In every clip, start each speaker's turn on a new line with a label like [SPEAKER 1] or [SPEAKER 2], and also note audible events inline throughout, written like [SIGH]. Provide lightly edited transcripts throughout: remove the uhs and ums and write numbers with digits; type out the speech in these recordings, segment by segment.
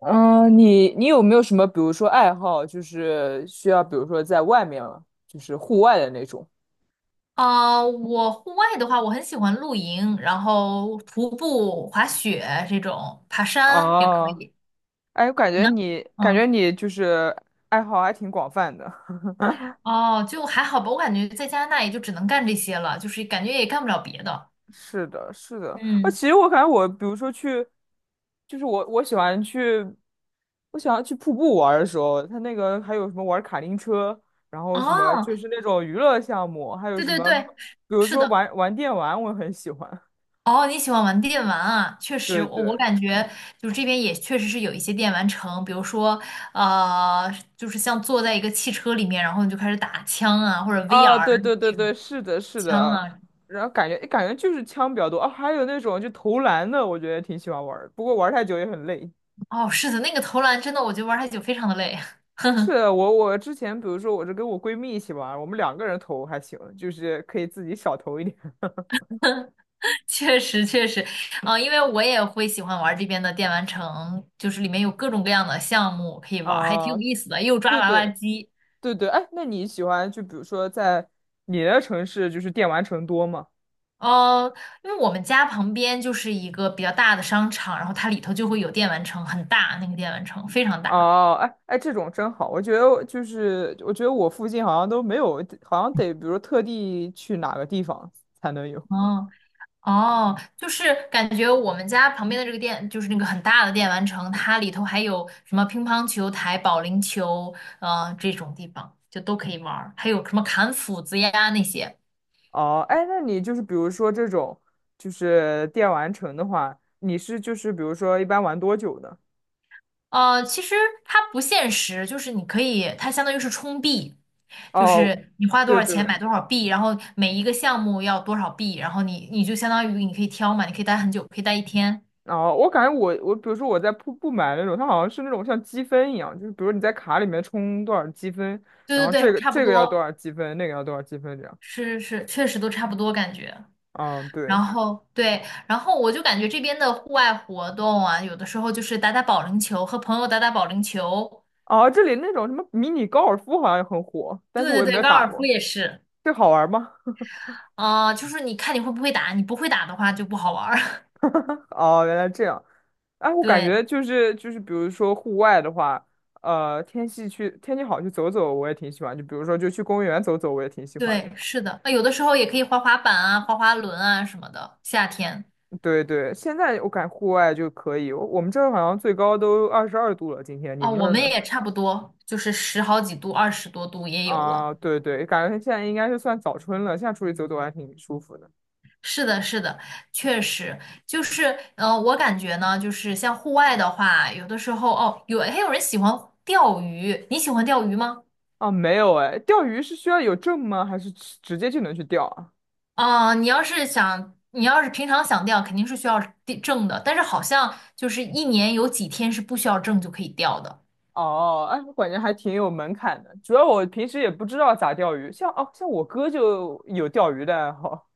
[SPEAKER 1] 你有没有什么，比如说爱好，就是需要，比如说在外面，就是户外的那种？
[SPEAKER 2] 我户外的话，我很喜欢露营，然后徒步、滑雪这种，爬山也可
[SPEAKER 1] 哦，
[SPEAKER 2] 以。
[SPEAKER 1] 哎，我感
[SPEAKER 2] 你
[SPEAKER 1] 觉
[SPEAKER 2] 呢？
[SPEAKER 1] 你感觉
[SPEAKER 2] 嗯，
[SPEAKER 1] 你就是爱好还挺广泛的。[LAUGHS]
[SPEAKER 2] 哦，就还好吧，我感觉在加拿大也就只能干这些了，就是感觉也干不了别的。
[SPEAKER 1] 是的，是的。啊，
[SPEAKER 2] 嗯，
[SPEAKER 1] 其实我感觉我，比如说去，就是我喜欢去，我喜欢去瀑布玩儿的时候，它那个还有什么玩卡丁车，然后什么
[SPEAKER 2] 哦，
[SPEAKER 1] 就是那种娱乐项目，还有
[SPEAKER 2] 对
[SPEAKER 1] 什
[SPEAKER 2] 对
[SPEAKER 1] 么，
[SPEAKER 2] 对，
[SPEAKER 1] 比如
[SPEAKER 2] 是
[SPEAKER 1] 说
[SPEAKER 2] 的。
[SPEAKER 1] 玩玩电玩，我很喜欢。
[SPEAKER 2] 哦，你喜欢玩电玩啊？确
[SPEAKER 1] [LAUGHS]
[SPEAKER 2] 实，
[SPEAKER 1] 对
[SPEAKER 2] 我
[SPEAKER 1] 对。
[SPEAKER 2] 感觉就是这边也确实是有一些电玩城，比如说，呃，就是像坐在一个汽车里面，然后你就开始打枪啊，或者
[SPEAKER 1] 啊，
[SPEAKER 2] VR
[SPEAKER 1] 对对对
[SPEAKER 2] 那
[SPEAKER 1] 对，
[SPEAKER 2] 种
[SPEAKER 1] 是的，是的
[SPEAKER 2] 枪
[SPEAKER 1] 啊，
[SPEAKER 2] 啊。
[SPEAKER 1] 然后感觉就是枪比较多啊，还有那种就投篮的，我觉得挺喜欢玩儿，不过玩儿太久也很累。
[SPEAKER 2] 哦，是的，那个投篮真的，我觉得玩太久非常的累，
[SPEAKER 1] 是的。我之前比如说我是跟我闺蜜一起玩儿，我们两个人投还行，就是可以自己少投一点。
[SPEAKER 2] [LAUGHS] 确实确实，啊、因为我也会喜欢玩这边的电玩城，就是里面有各种各样的项目可
[SPEAKER 1] [LAUGHS]
[SPEAKER 2] 以玩，还挺
[SPEAKER 1] 啊。
[SPEAKER 2] 有意思的，又抓
[SPEAKER 1] 对
[SPEAKER 2] 娃娃
[SPEAKER 1] 对
[SPEAKER 2] 机，
[SPEAKER 1] 对对，哎，那你喜欢就比如说在你的城市就是电玩城多吗？
[SPEAKER 2] 呃，因为我们家旁边就是一个比较大的商场，然后它里头就会有电玩城，很大，那个电玩城非常大，
[SPEAKER 1] 哦，哎哎，这种真好，我觉得我附近好像都没有，好像得比如特地去哪个地方才能有。
[SPEAKER 2] 哦，哦，就是感觉我们家旁边的这个店，就是那个很大的电玩城，它里头还有什么乒乓球台、保龄球，这种地方就都可以玩儿，还有什么砍斧子呀那些。
[SPEAKER 1] 哦，哎，那你就是比如说这种，就是电玩城的话，你是就是比如说一般玩多久的？
[SPEAKER 2] 其实它不现实，就是你可以，它相当于是充币，就
[SPEAKER 1] 哦，
[SPEAKER 2] 是你花多
[SPEAKER 1] 对
[SPEAKER 2] 少钱
[SPEAKER 1] 对，
[SPEAKER 2] 买多少币，然后每一个项目要多少币，然后你就相当于你可以挑嘛，你可以待很久，可以待一天。
[SPEAKER 1] 哦，我感觉我比如说我在瀑布买那种，它好像是那种像积分一样，就是比如你在卡里面充多少积分，然
[SPEAKER 2] 对
[SPEAKER 1] 后
[SPEAKER 2] 对
[SPEAKER 1] 这
[SPEAKER 2] 对，
[SPEAKER 1] 个
[SPEAKER 2] 差不
[SPEAKER 1] 这个要多
[SPEAKER 2] 多，
[SPEAKER 1] 少积分，那个要多少积分这样。
[SPEAKER 2] 是是，确实都差不多感觉。
[SPEAKER 1] 嗯，
[SPEAKER 2] 然
[SPEAKER 1] 对。
[SPEAKER 2] 后对，然后我就感觉这边的户外活动啊，有的时候就是打打保龄球，和朋友打打保龄球。
[SPEAKER 1] 哦，这里那种什么迷你高尔夫好像也很火，但是我
[SPEAKER 2] 对对
[SPEAKER 1] 也没
[SPEAKER 2] 对，
[SPEAKER 1] 有
[SPEAKER 2] 高
[SPEAKER 1] 打
[SPEAKER 2] 尔夫
[SPEAKER 1] 过，
[SPEAKER 2] 也是。
[SPEAKER 1] 这好玩吗？
[SPEAKER 2] 啊、就是你看你会不会打，你不会打的话就不好玩儿。
[SPEAKER 1] 哦，原来这样。哎，
[SPEAKER 2] [LAUGHS]
[SPEAKER 1] 我感
[SPEAKER 2] 对
[SPEAKER 1] 觉就是，比如说户外的话，天气好去走走，我也挺喜欢。就比如说，就去公园走走，我也挺喜欢的。
[SPEAKER 2] 对，是的，啊，有的时候也可以滑滑板啊、滑滑轮啊什么的。夏天
[SPEAKER 1] 对对，现在我感觉户外就可以。我们这儿好像最高都22度了，今天你
[SPEAKER 2] 啊、
[SPEAKER 1] 们那
[SPEAKER 2] 我
[SPEAKER 1] 儿
[SPEAKER 2] 们
[SPEAKER 1] 呢？
[SPEAKER 2] 也差不多，就是十好几度、二十多度也有了。
[SPEAKER 1] 啊，对对，感觉现在应该是算早春了，现在出去走走还挺舒服的。
[SPEAKER 2] 是的，是的，确实就是，我感觉呢，就是像户外的话，有的时候哦，有还有人喜欢钓鱼，你喜欢钓鱼吗？
[SPEAKER 1] 啊，没有哎，钓鱼是需要有证吗？还是直接就能去钓啊？
[SPEAKER 2] 啊、你要是想，你要是平常想钓，肯定是需要地证的，但是好像就是一年有几天是不需要证就可以钓的。
[SPEAKER 1] 哦，哎，我感觉还挺有门槛的。主要我平时也不知道咋钓鱼，像我哥就有钓鱼的爱好，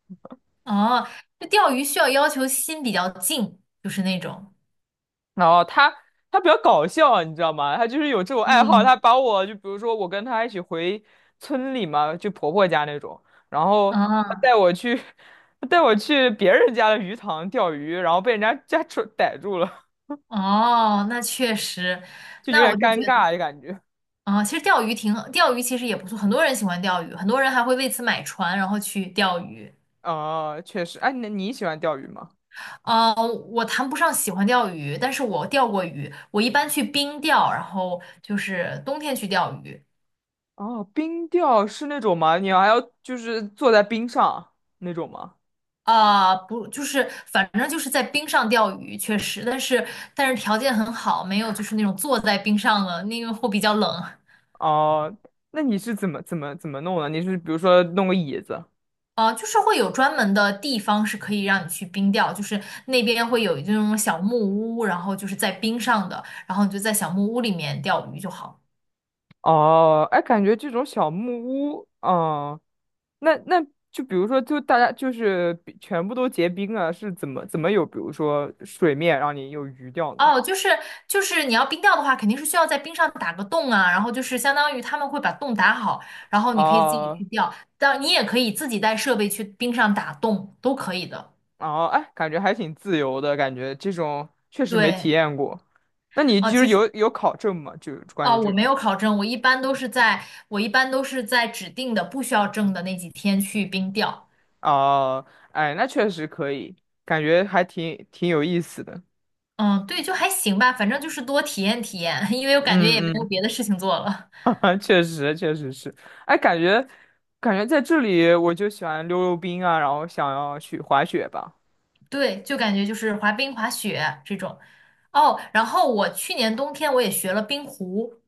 [SPEAKER 2] 哦，这钓鱼需要要求心比较静，就是那种，
[SPEAKER 1] 然后他比较搞笑，你知道吗？他就是有这种爱好，他
[SPEAKER 2] 嗯，
[SPEAKER 1] 把我就比如说我跟他一起回村里嘛，就婆婆家那种，然后他
[SPEAKER 2] 啊，
[SPEAKER 1] 带我去 [LAUGHS] 他带我去别人家的鱼塘钓鱼，然后被人家家主逮住了，
[SPEAKER 2] 哦，那确实，
[SPEAKER 1] 就有
[SPEAKER 2] 那
[SPEAKER 1] 点
[SPEAKER 2] 我就
[SPEAKER 1] 尴
[SPEAKER 2] 觉得。
[SPEAKER 1] 尬的感觉。
[SPEAKER 2] 啊，其实钓鱼挺，钓鱼其实也不错，很多人喜欢钓鱼，很多人还会为此买船，然后去钓鱼。
[SPEAKER 1] 哦，确实，哎，那你喜欢钓鱼吗？
[SPEAKER 2] 啊，我谈不上喜欢钓鱼，但是我钓过鱼，我一般去冰钓，然后就是冬天去钓鱼。
[SPEAKER 1] 哦，冰钓是那种吗？你还要就是坐在冰上那种吗？
[SPEAKER 2] 啊，不，就是反正就是在冰上钓鱼，确实，但是条件很好，没有就是那种坐在冰上了，那个会比较冷。
[SPEAKER 1] 哦，那你是怎么弄的？你是比如说弄个椅子？
[SPEAKER 2] 就是会有专门的地方是可以让你去冰钓，就是那边会有这种小木屋，然后就是在冰上的，然后你就在小木屋里面钓鱼就好。
[SPEAKER 1] 哦，哎，感觉这种小木屋，哦，那就比如说，就大家就是比全部都结冰了，是怎么有，比如说水面让你有鱼钓呢？
[SPEAKER 2] 哦，就是你要冰钓的话，肯定是需要在冰上打个洞啊，然后就是相当于他们会把洞打好，然后你可以自己
[SPEAKER 1] 哦
[SPEAKER 2] 去钓，但你也可以自己带设备去冰上打洞，都可以的。
[SPEAKER 1] 哦，哎，感觉还挺自由的，感觉这种确实没体
[SPEAKER 2] 对，
[SPEAKER 1] 验过。那你
[SPEAKER 2] 哦，
[SPEAKER 1] 就是
[SPEAKER 2] 其
[SPEAKER 1] 有
[SPEAKER 2] 实
[SPEAKER 1] 有考证吗？就关
[SPEAKER 2] 哦，
[SPEAKER 1] 于
[SPEAKER 2] 我
[SPEAKER 1] 这。
[SPEAKER 2] 没有考证，我一般都是在指定的不需要证的那几天去冰钓。
[SPEAKER 1] 哦，哎，那确实可以，感觉还挺有意思的。
[SPEAKER 2] 嗯，对，就还行吧，反正就是多体验体验，[LAUGHS] 因为我感觉也没
[SPEAKER 1] 嗯
[SPEAKER 2] 有
[SPEAKER 1] 嗯，
[SPEAKER 2] 别的事情做了。
[SPEAKER 1] [LAUGHS] 确实确实是。哎，感觉在这里我就喜欢溜溜冰啊，然后想要去滑雪吧。
[SPEAKER 2] [LAUGHS] 对，就感觉就是滑冰、滑雪这种。哦，然后我去年冬天我也学了冰壶，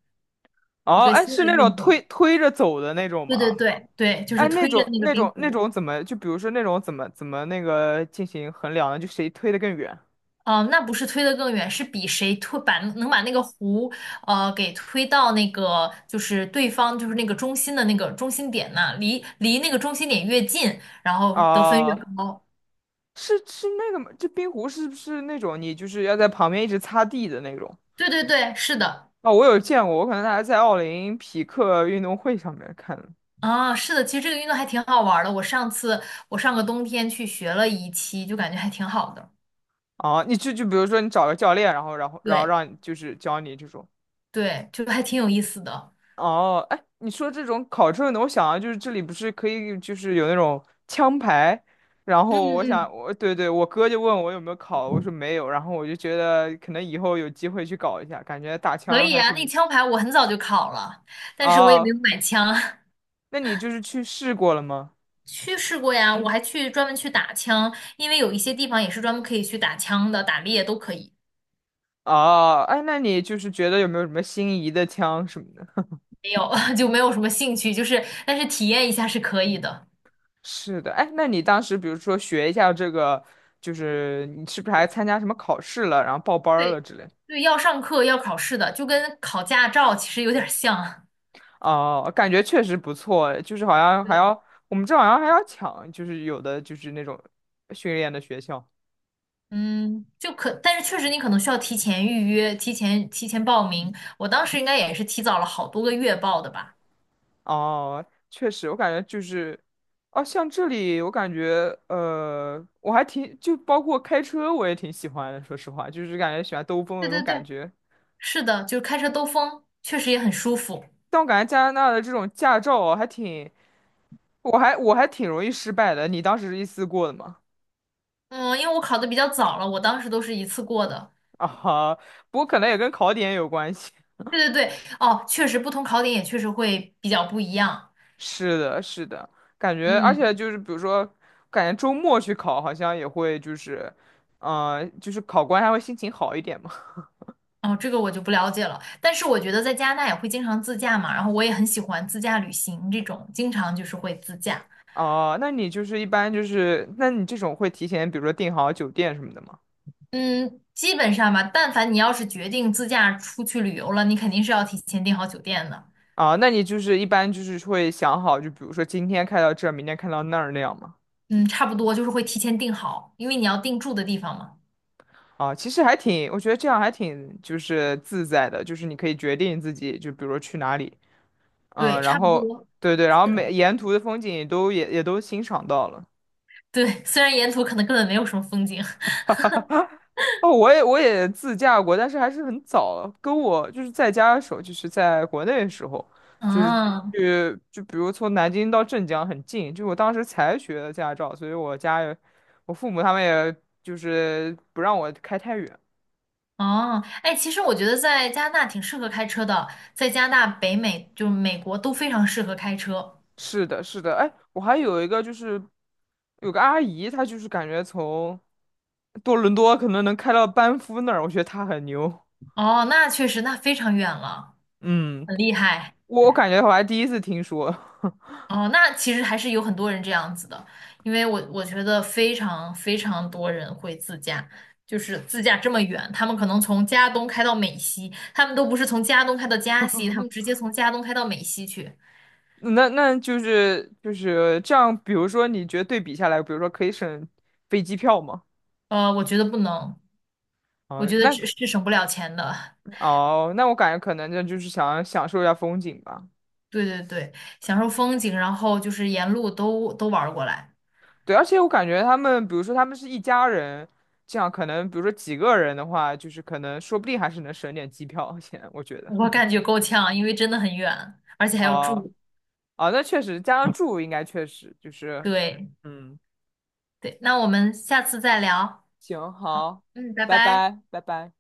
[SPEAKER 2] 一
[SPEAKER 1] 哦，
[SPEAKER 2] 个
[SPEAKER 1] 哎，
[SPEAKER 2] 新
[SPEAKER 1] 是
[SPEAKER 2] 的
[SPEAKER 1] 那
[SPEAKER 2] 运
[SPEAKER 1] 种
[SPEAKER 2] 动。
[SPEAKER 1] 推推着走的那种
[SPEAKER 2] 对对
[SPEAKER 1] 吗？
[SPEAKER 2] 对对，就
[SPEAKER 1] 哎，
[SPEAKER 2] 是
[SPEAKER 1] 那
[SPEAKER 2] 推着
[SPEAKER 1] 种
[SPEAKER 2] 那个
[SPEAKER 1] 那
[SPEAKER 2] 冰
[SPEAKER 1] 种那
[SPEAKER 2] 壶。
[SPEAKER 1] 种怎么就比如说那种怎么那个进行衡量呢？就谁推的更远？
[SPEAKER 2] 哦，那不是推得更远，是比谁推把能把那个壶给推到那个就是对方就是那个中心的那个中心点那，离那个中心点越近，然后得分越
[SPEAKER 1] 啊，
[SPEAKER 2] 高。
[SPEAKER 1] 是那个吗？这冰壶是不是那种你就是要在旁边一直擦地的那种？
[SPEAKER 2] 对对对，是的。
[SPEAKER 1] 哦，我有见过，我可能还在奥林匹克运动会上面看的。
[SPEAKER 2] 啊，是的，其实这个运动还挺好玩儿的。我上个冬天去学了一期，就感觉还挺好的。
[SPEAKER 1] 哦，你就比如说你找个教练，然后
[SPEAKER 2] 对
[SPEAKER 1] 让你就是教你这种。
[SPEAKER 2] 对，就还挺有意思的。
[SPEAKER 1] 哦，哎，你说这种考证的，我想啊，就是这里不是可以就是有那种枪牌，然
[SPEAKER 2] 嗯
[SPEAKER 1] 后我
[SPEAKER 2] 嗯，
[SPEAKER 1] 想我对对，我哥就问我有没有考，我说没有，然后我就觉得可能以后有机会去搞一下，感觉打
[SPEAKER 2] 可
[SPEAKER 1] 枪
[SPEAKER 2] 以
[SPEAKER 1] 还
[SPEAKER 2] 啊。那
[SPEAKER 1] 挺。
[SPEAKER 2] 枪牌我很早就考了，但是我也没
[SPEAKER 1] 哦，
[SPEAKER 2] 有买枪。[LAUGHS]
[SPEAKER 1] 那你就是去试过了吗？
[SPEAKER 2] 去试过呀，我还去专门去打枪，因为有一些地方也是专门可以去打枪的，打猎都可以。
[SPEAKER 1] 哦，哎，那你就是觉得有没有什么心仪的枪什么的？
[SPEAKER 2] 没有，[LAUGHS] 就没有什么兴趣，就是但是体验一下是可以的。
[SPEAKER 1] 是的，哎，那你当时比如说学一下这个，就是你是不是还参加什么考试了，然后报班儿了
[SPEAKER 2] 对
[SPEAKER 1] 之类？
[SPEAKER 2] 对，要上课要考试的，就跟考驾照其实有点儿像。
[SPEAKER 1] 哦，感觉确实不错，就是好像还
[SPEAKER 2] 对。
[SPEAKER 1] 要我们这好像还要抢，就是有的就是那种训练的学校。
[SPEAKER 2] 嗯，就可，但是确实你可能需要提前预约、提前报名。我当时应该也是提早了好多个月报的吧？
[SPEAKER 1] 哦，确实，我感觉就是，哦，像这里我感觉，我还挺就包括开车我也挺喜欢的，说实话，就是感觉喜欢兜风的
[SPEAKER 2] 对
[SPEAKER 1] 那种
[SPEAKER 2] 对
[SPEAKER 1] 感
[SPEAKER 2] 对，
[SPEAKER 1] 觉。
[SPEAKER 2] 是的，就是开车兜风，确实也很舒服。
[SPEAKER 1] 但我感觉加拿大的这种驾照啊还挺。我还挺容易失败的，你当时是一次过的吗？
[SPEAKER 2] 嗯，因为我考的比较早了，我当时都是一次过的。
[SPEAKER 1] 啊哈，不过可能也跟考点有关系。
[SPEAKER 2] 对对对，哦，确实不同考点也确实会比较不一样。
[SPEAKER 1] [LAUGHS] 是的，是的，感觉而
[SPEAKER 2] 嗯，
[SPEAKER 1] 且就是比如说，感觉周末去考好像也会就是，就是考官还会心情好一点嘛。
[SPEAKER 2] 哦，这个我就不了解了。但是我觉得在加拿大也会经常自驾嘛，然后我也很喜欢自驾旅行这种，经常就是会自驾。
[SPEAKER 1] 哦、那你就是一般就是，那你这种会提前比如说订好酒店什么的吗？
[SPEAKER 2] 嗯，基本上吧，但凡你要是决定自驾出去旅游了，你肯定是要提前订好酒店的。
[SPEAKER 1] 啊、那你就是一般就是会想好，就比如说今天开到这儿，明天开到那儿那样吗？
[SPEAKER 2] 嗯，差不多就是会提前订好，因为你要定住的地方嘛。
[SPEAKER 1] 啊，其实还挺，我觉得这样还挺就是自在的，就是你可以决定自己，就比如说去哪里，嗯，
[SPEAKER 2] 对，
[SPEAKER 1] 然
[SPEAKER 2] 差不
[SPEAKER 1] 后
[SPEAKER 2] 多。
[SPEAKER 1] 对对，然
[SPEAKER 2] 是
[SPEAKER 1] 后
[SPEAKER 2] 的。
[SPEAKER 1] 每沿途的风景都也都欣赏到了。
[SPEAKER 2] 对，虽然沿途可能根本没有什么风景。[LAUGHS]
[SPEAKER 1] 哦，我也自驾过，但是还是很早了跟我就是在家的时候，就是在国内的时候，就是
[SPEAKER 2] 嗯，
[SPEAKER 1] 去就比如从南京到镇江很近，就我当时才学的驾照，所以我家也我父母他们也就是不让我开太远。
[SPEAKER 2] 哦，哎，其实我觉得在加拿大挺适合开车的，在加拿大、北美就是美国都非常适合开车。
[SPEAKER 1] 是的，是的，哎，我还有一个就是有个阿姨，她就是感觉从多伦多可能能开到班夫那儿，我觉得她很牛。
[SPEAKER 2] 哦，那确实，那非常远了，
[SPEAKER 1] 嗯，
[SPEAKER 2] 很厉害。
[SPEAKER 1] 我感觉我还第一次听说。
[SPEAKER 2] 哦，那其实还是有很多人这样子的，因为我觉得非常非常多人会自驾，就是自驾这么远，他们可能从加东开到美西，他们都不是从加东开到加西，他们直接从加东开到美西去。
[SPEAKER 1] [LAUGHS] 那就是这样，比如说你觉得对比下来，比如说可以省飞机票吗？
[SPEAKER 2] 我觉得不能，我
[SPEAKER 1] 哦，
[SPEAKER 2] 觉得
[SPEAKER 1] 那
[SPEAKER 2] 这是省不了钱的。
[SPEAKER 1] 哦,那我感觉可能这就是想享受一下风景吧。
[SPEAKER 2] 对对对，享受风景，然后就是沿路都玩儿过来，
[SPEAKER 1] 对，而且我感觉他们，比如说他们是一家人，这样可能，比如说几个人的话，就是可能说不定还是能省点机票 [LAUGHS] 钱，我觉得。
[SPEAKER 2] 我感觉够呛，因为真的很远，而且还要
[SPEAKER 1] 哦，
[SPEAKER 2] 住。
[SPEAKER 1] 哦，那确实，加上住应该确实就是，
[SPEAKER 2] 对
[SPEAKER 1] 嗯，
[SPEAKER 2] 对，那我们下次再聊。
[SPEAKER 1] 行，
[SPEAKER 2] 好，
[SPEAKER 1] 好，
[SPEAKER 2] 嗯，拜
[SPEAKER 1] 拜
[SPEAKER 2] 拜。
[SPEAKER 1] 拜，拜拜。